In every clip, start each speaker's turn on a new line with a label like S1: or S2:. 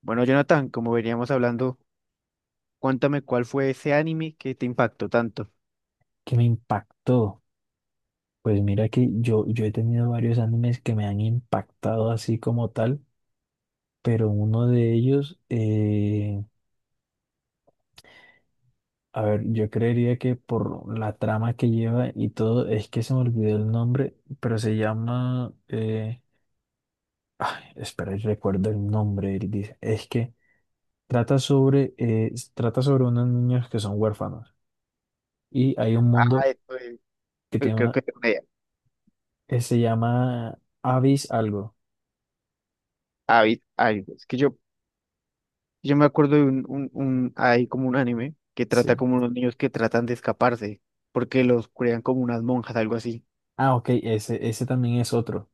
S1: Bueno, Jonathan, como veníamos hablando, cuéntame cuál fue ese anime que te impactó tanto.
S2: Que me impactó. Pues mira que yo he tenido varios animes que me han impactado así como tal, pero uno de ellos, a ver, yo creería que por la trama que lleva y todo, es que se me olvidó el nombre, pero se llama, ay, espera, yo recuerdo el nombre, él dice, es que trata sobre unos niños que son huérfanos y hay un
S1: Ah,
S2: mundo
S1: esto es-
S2: que tiene
S1: creo
S2: una,
S1: que tengo una idea.
S2: que se llama Abyss algo.
S1: Ah, vi- ay, es que yo, me acuerdo de un, hay como un anime que trata
S2: Sí.
S1: como unos niños que tratan de escaparse, porque los crean como unas monjas, algo así.
S2: Ah, ok, ese también es otro.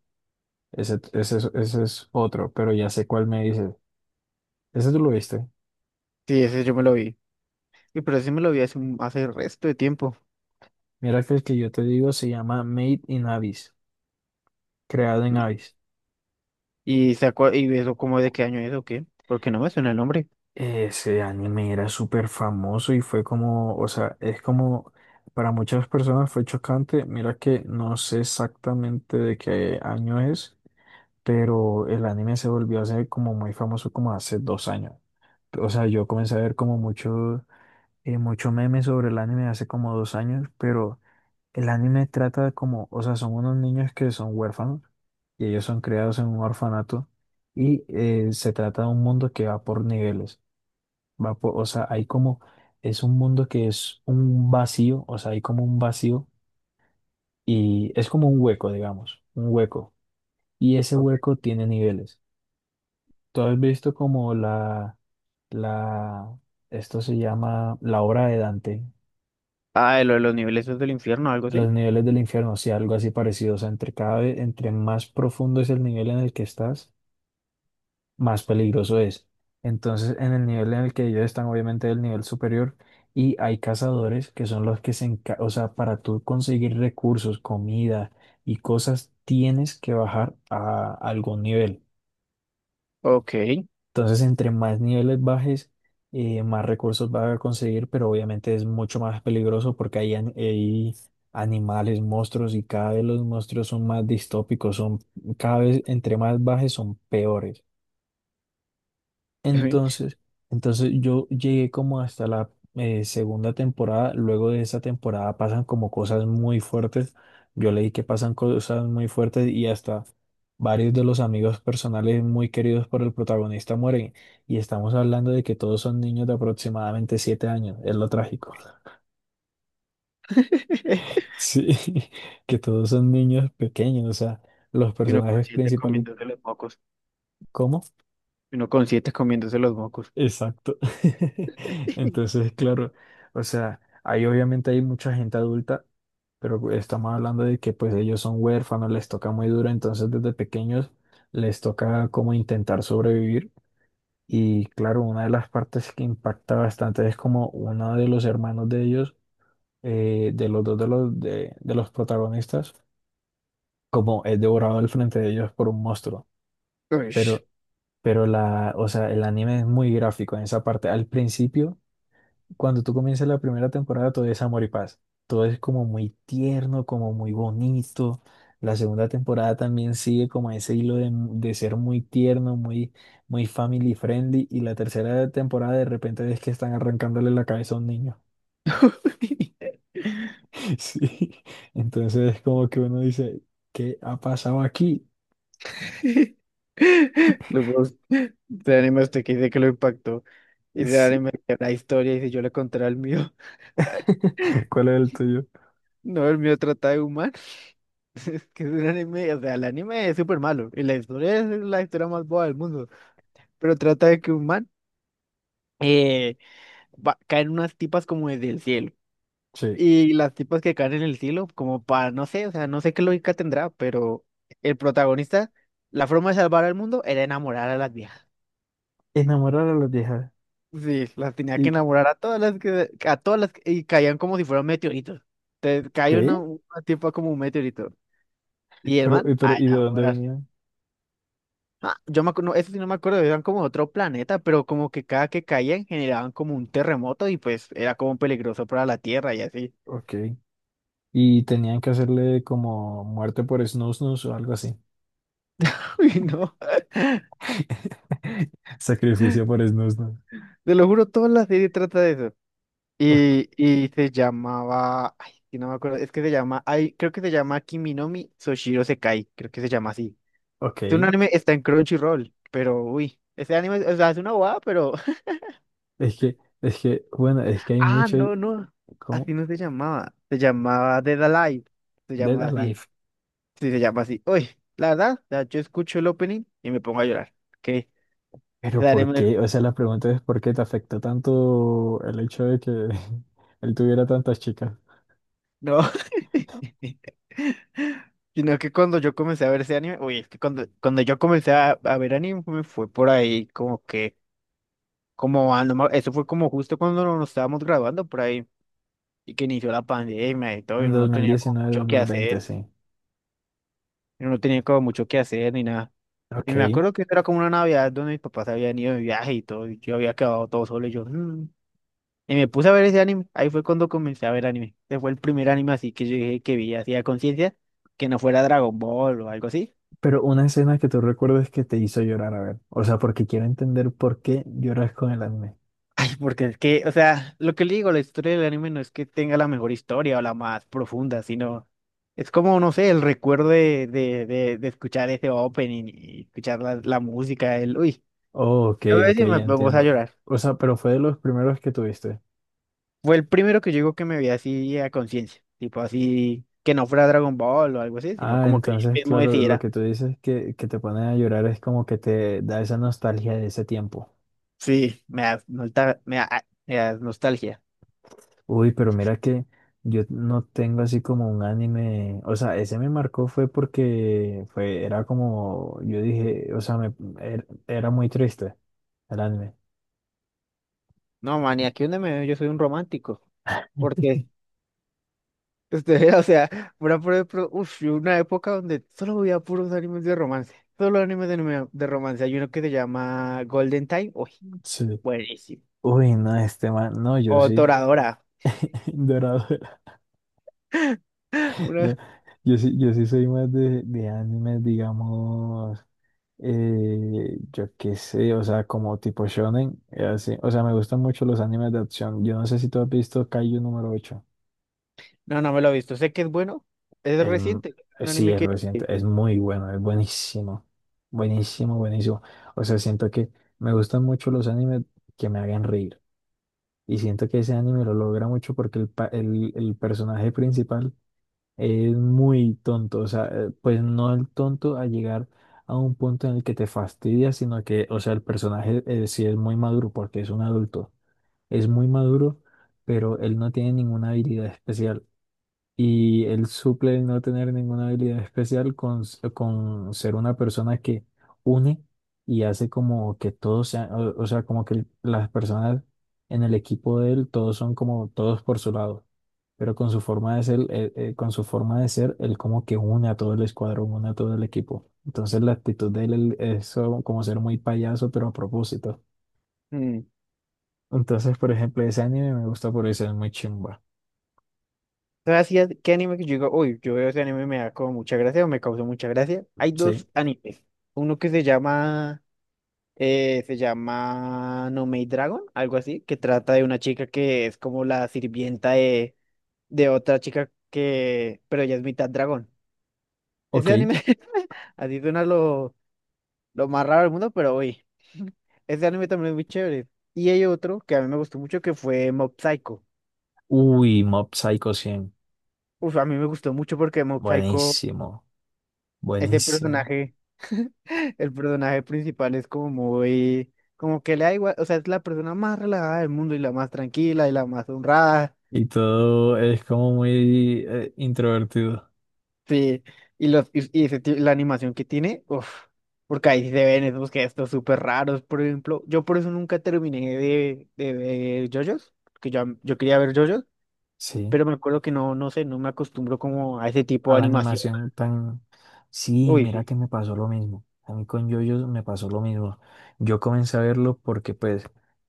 S2: Ese es otro, pero ya sé cuál me dices. Ese tú lo viste.
S1: Sí, ese yo me lo vi. Y pero ese me lo vi hace, un- hace el resto de tiempo.
S2: Mira que el que yo te digo se llama Made in Abyss, creado en Abyss.
S1: Y, se acua- y eso como de qué año es o qué, porque no me suena el nombre.
S2: Ese anime era súper famoso y fue como, o sea, es como, para muchas personas fue chocante. Mira que no sé exactamente de qué año es, pero el anime se volvió a ser como muy famoso como hace 2 años. O sea, yo comencé a ver como mucho. Mucho meme sobre el anime hace como 2 años, pero el anime trata de como, o sea, son unos niños que son huérfanos y ellos son criados en un orfanato y se trata de un mundo que va por niveles, va por, o sea, hay como, es un mundo que es un vacío, o sea, hay como un vacío y es como un hueco, digamos, un hueco y ese
S1: Ok.
S2: hueco tiene niveles. ¿Tú has visto como la, esto se llama la obra de Dante?
S1: Ah, lo de los niveles esos del infierno, algo
S2: Los
S1: así.
S2: niveles del infierno, sí, algo así parecido. O sea, entre cada vez, entre más profundo es el nivel en el que estás, más peligroso es. Entonces, en el nivel en el que ellos están, obviamente, el nivel superior, y hay cazadores que son los que se encargan, o sea, para tú conseguir recursos, comida y cosas, tienes que bajar a algún nivel.
S1: Ok.
S2: Entonces, entre más niveles bajes, más recursos va a conseguir, pero obviamente es mucho más peligroso porque hay, hay animales, monstruos y cada vez los monstruos son más distópicos, son cada vez entre más bajes son peores. Entonces, entonces yo llegué como hasta la segunda temporada. Luego de esa temporada pasan como cosas muy fuertes. Yo leí que pasan cosas muy fuertes y hasta varios de los amigos personales muy queridos por el protagonista mueren. Y estamos hablando de que todos son niños de aproximadamente 7 años. Es lo trágico. Sí, que todos son niños pequeños. O sea, los
S1: Y uno con
S2: personajes
S1: siete
S2: principales.
S1: comiéndose
S2: ¿Cómo?
S1: Y uno con siete comiéndose los mocos.
S2: Exacto. Entonces, claro, o sea, ahí obviamente hay mucha gente adulta, pero pues, estamos hablando de que pues ellos son huérfanos, les toca muy duro, entonces desde pequeños les toca como intentar sobrevivir. Y claro, una de las partes que impacta bastante es como uno de los hermanos de ellos, de los dos de los protagonistas, como es devorado al frente de ellos por un monstruo.
S1: Ush.
S2: Pero, pero la, o sea, el anime es muy gráfico en esa parte. Al principio, cuando tú comienzas la primera temporada, todo es amor y paz. Todo es como muy tierno, como muy bonito. La segunda temporada también sigue como ese hilo de ser muy tierno, muy, muy family friendly. Y la tercera temporada de repente es que están arrancándole la cabeza a un niño. Sí. Entonces es como que uno dice, ¿qué ha pasado aquí?
S1: Los mocos de anime usted que dice que lo impactó, y de
S2: Es-
S1: anime que la historia, y si yo le contara el mío.
S2: ¿Cuál es el tuyo?
S1: No, el mío trata de humanos. Es que es un anime, o sea, el anime es súper malo, y la historia es la historia más boba del mundo, pero trata de que un man eh, va- caen unas tipas como desde el cielo.
S2: Sí.
S1: Y las tipas que caen en el cielo como para, no sé, o sea, no sé qué lógica tendrá, pero el protagonista, la forma de salvar al mundo era enamorar a las viejas.
S2: Enamorar a las viejas.
S1: Sí, las tenía que
S2: ¿Y
S1: enamorar a a todas las que- y caían como si fueran meteoritos. Te cae
S2: qué?
S1: una tipa como un meteorito. Y el
S2: Pero,
S1: man,
S2: pero,
S1: a
S2: ¿y de dónde
S1: enamorar.
S2: venían?
S1: Ah, yo me acuerdo, eso sí no me acuerdo, eran como de otro planeta, pero como que cada que caían generaban como un terremoto y pues era como peligroso para la Tierra y así.
S2: Ok. Y tenían que hacerle como muerte por snusnus o algo así.
S1: Uy, no,
S2: Sacrificio por snusnus.
S1: te lo juro, toda la serie trata de eso.
S2: Ok,
S1: Y se llamaba, ay, sí, no me acuerdo, es que se llama, ay, creo que se llama Kiminomi Soshiro Sekai, creo que se llama así. Es un
S2: ok.
S1: anime, está en Crunchyroll, pero uy, ese anime, o sea, es una bobada, pero,
S2: Bueno, es que hay
S1: ah,
S2: mucho
S1: no, no,
S2: como
S1: así no se llamaba, se llamaba Dead Alive, se
S2: Dead
S1: llamaba así,
S2: Alive.
S1: sí, se llama así. Uy, la verdad, o sea, yo escucho el opening y me pongo a llorar. Que
S2: Pero ¿por qué? O sea, la pregunta es ¿por qué te afectó tanto el hecho de que él tuviera tantas chicas?
S1: no. Sino que cuando yo comencé a ver ese anime, uy, es que cuando yo comencé a ver anime fue por ahí como que, como, ah, no me- eso fue como justo cuando no, nos estábamos graduando por ahí y que inició la pandemia y todo y
S2: En
S1: uno no tenía como
S2: 2019,
S1: mucho que
S2: 2020,
S1: hacer,
S2: sí.
S1: y uno no tenía como mucho que hacer ni nada. Y me
S2: Ok.
S1: acuerdo que era como una Navidad donde mis papás habían ido de viaje y todo y yo había quedado todo solo y yo, "Mm". Y me puse a ver ese anime. Ahí fue cuando comencé a ver anime. Ese fue el primer anime así que yo dije que vi así a conciencia, que no fuera Dragon Ball o algo así.
S2: Pero una escena que tú recuerdes que te hizo llorar, a ver. O sea, porque quiero entender por qué lloras con el anime.
S1: Ay, porque es que, o sea, lo que le digo, la historia del anime no es que tenga la mejor historia o la más profunda, sino es como, no sé, el recuerdo de escuchar ese opening y escuchar la música, el, uy,
S2: Oh, ok,
S1: a veces
S2: ok,
S1: sí me
S2: ya
S1: pongo a
S2: entiendo.
S1: llorar.
S2: O sea, pero fue de los primeros que tuviste.
S1: Fue el primero que yo digo que me vi así a conciencia, tipo así, que no fuera Dragon Ball o algo así, sino
S2: Ah,
S1: como que yo
S2: entonces,
S1: mismo
S2: claro, lo
S1: decidiera.
S2: que tú dices que te ponen a llorar es como que te da esa nostalgia de ese tiempo.
S1: Sí, me da, nolta- me da nostalgia.
S2: Uy, pero mira que yo no tengo así como un anime. O sea, ese me marcó fue porque fue, era como, yo dije, o sea, me, era muy triste el anime.
S1: No, man, y aquí donde me veo, yo soy un romántico. Porque, este, o sea, pura, pura- pura- uf, y una época donde solo veía puros animes de romance. Solo animes de, anime- de romance. Hay uno que se llama Golden Time. Uy,
S2: Sí.
S1: buenísimo.
S2: Uy, no, este man, no, yo
S1: O
S2: sí,
S1: Toradora.
S2: dorado. No,
S1: Una-
S2: yo sí soy más de animes, digamos, yo qué sé, o sea, como tipo shonen, así. O sea, me gustan mucho los animes de acción. Yo no sé si tú has visto Kaiju número ocho.
S1: no, no me lo he visto. Sé que es bueno. Es
S2: Es m-
S1: reciente. Un
S2: sí,
S1: anime
S2: es
S1: que.
S2: reciente, es muy bueno, es buenísimo, buenísimo, buenísimo. O sea, siento que me gustan mucho los animes que me hagan reír. Y siento que ese anime lo logra mucho porque el, el personaje principal es muy tonto, o sea, pues no el tonto a llegar a un punto en el que te fastidia, sino que, o sea, el personaje sí es muy maduro porque es un adulto, es muy maduro, pero él no tiene ninguna habilidad especial. Y él suple el no tener ninguna habilidad especial con, con ser una persona que une y hace como que todos sean, o sea, como que las personas en el equipo de él, todos son como todos por su lado. Pero con su forma de ser, con su forma de ser, él como que une a todo el escuadrón, une a todo el equipo. Entonces la actitud de él, como ser muy payaso, pero a propósito.
S1: Mm.
S2: Entonces, por ejemplo, ese anime me gusta por eso, es muy chimba.
S1: ¿Sabes si qué anime que yo digo? Uy, yo veo ese anime y me da como mucha gracia o me causó mucha gracia. Hay
S2: Sí.
S1: dos animes. Uno que se llama. Se llama No Maid Dragon, algo así, que trata de una chica que es como la sirvienta de otra chica que, pero ella es mitad dragón.
S2: Ok.
S1: Ese anime, así suena lo más raro del mundo, pero uy, ese anime también es muy chévere. Y hay otro que a mí me gustó mucho que fue Mob Psycho.
S2: Uy, Mob Psycho cien.
S1: Uf, a mí me gustó mucho porque Mob Psycho,
S2: Buenísimo,
S1: ese
S2: buenísimo.
S1: personaje, el personaje principal es como muy, como que le da igual, o sea, es la persona más relajada del mundo y la más tranquila y la más honrada.
S2: Y todo es como muy introvertido.
S1: Sí, ese ti- la animación que tiene, uff, porque ahí sí se ven esos gestos súper raros, por ejemplo. Yo por eso nunca terminé de ver JoJo's, que yo, quería ver JoJo's,
S2: Sí,
S1: pero me acuerdo que no, no sé, no me acostumbro como a ese tipo
S2: a
S1: de
S2: la
S1: animación.
S2: animación tan... Sí,
S1: Uy,
S2: mira
S1: sí.
S2: que me pasó lo mismo. A mí con yoyos me pasó lo mismo. Yo comencé a verlo porque pues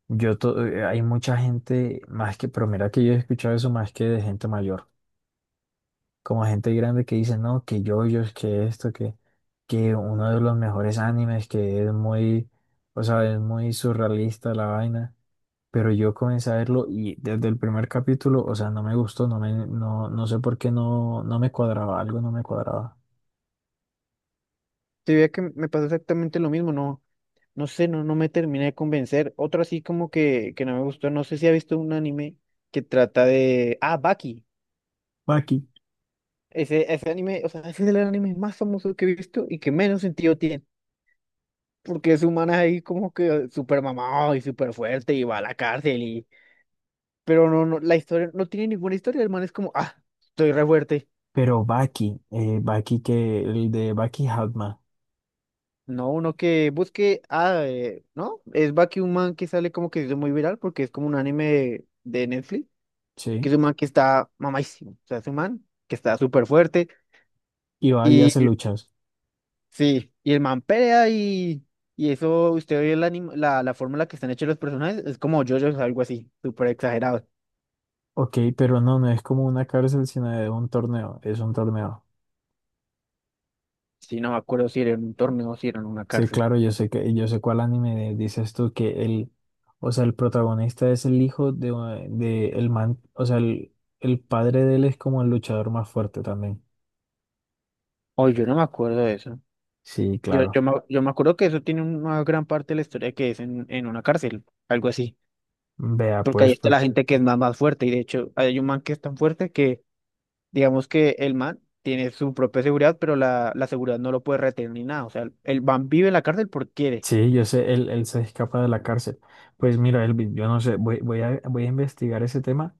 S2: hay mucha gente más que, pero mira que yo he escuchado eso más que de gente mayor. Como gente grande que dice, no, que yoyos, que esto, que uno de los mejores animes, que es muy, o sea, es muy surrealista la vaina. Pero yo comencé a verlo y desde el primer capítulo, o sea, no me gustó, no sé por qué no me cuadraba, algo no me cuadraba.
S1: Sí, veía que me pasó exactamente lo mismo, no, no sé, no, no me terminé de convencer. Otro así como que no me gustó, no sé si ha visto un anime que trata de... Ah, Baki.
S2: Baki,
S1: Ese anime, o sea, ese es el anime más famoso que he visto y que menos sentido tiene. Porque ese humana es ahí como que súper mamado y súper fuerte y va a la cárcel y... Pero no, no, la historia, no tiene ninguna historia, el man es como, ah, estoy re fuerte.
S2: pero Baki, Baki que, el de Baki Hatma,
S1: No, uno que busque, ah, ¿no? Es Baki un man que sale como que se hizo muy viral porque es como un anime de Netflix, que
S2: ¿sí?
S1: es un man que está mamadísimo, o sea, es un man que está súper fuerte
S2: Y va y hace
S1: y
S2: luchas.
S1: sí, y el man pelea y... Y eso, usted ve el anim- la forma en la que están hechos los personajes, es como JoJo's, algo así, súper exagerado.
S2: Ok, pero no, no es como una cárcel, sino de un torneo, es un torneo.
S1: Sí, no me acuerdo si era en un torneo o si era en una
S2: Sí,
S1: cárcel.
S2: claro, yo sé que, yo sé cuál anime dices tú que el, o sea, el protagonista es el hijo de, de el man, o sea, el padre de él es como el luchador más fuerte también.
S1: Hoy yo no me acuerdo de eso.
S2: Sí, claro.
S1: Yo me acuerdo que eso tiene una gran parte de la historia que es en una cárcel, algo así.
S2: Vea,
S1: Porque ahí
S2: pues,
S1: está
S2: pues,
S1: la gente que es más, más fuerte. Y de hecho, hay un man que es tan fuerte que, digamos que el man tiene su propia seguridad, pero la seguridad no lo puede retener ni nada. O sea, el man vive en la cárcel porque quiere.
S2: sí, yo sé, él se escapa de la cárcel. Pues mira, Elvin, yo no sé, voy a investigar ese tema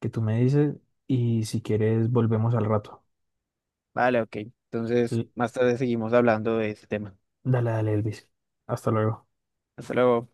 S2: que tú me dices y si quieres volvemos al rato.
S1: Vale, ok. Entonces,
S2: L-
S1: más tarde seguimos hablando de ese tema.
S2: Dale, dale, Elvis. Hasta luego.
S1: Hasta luego.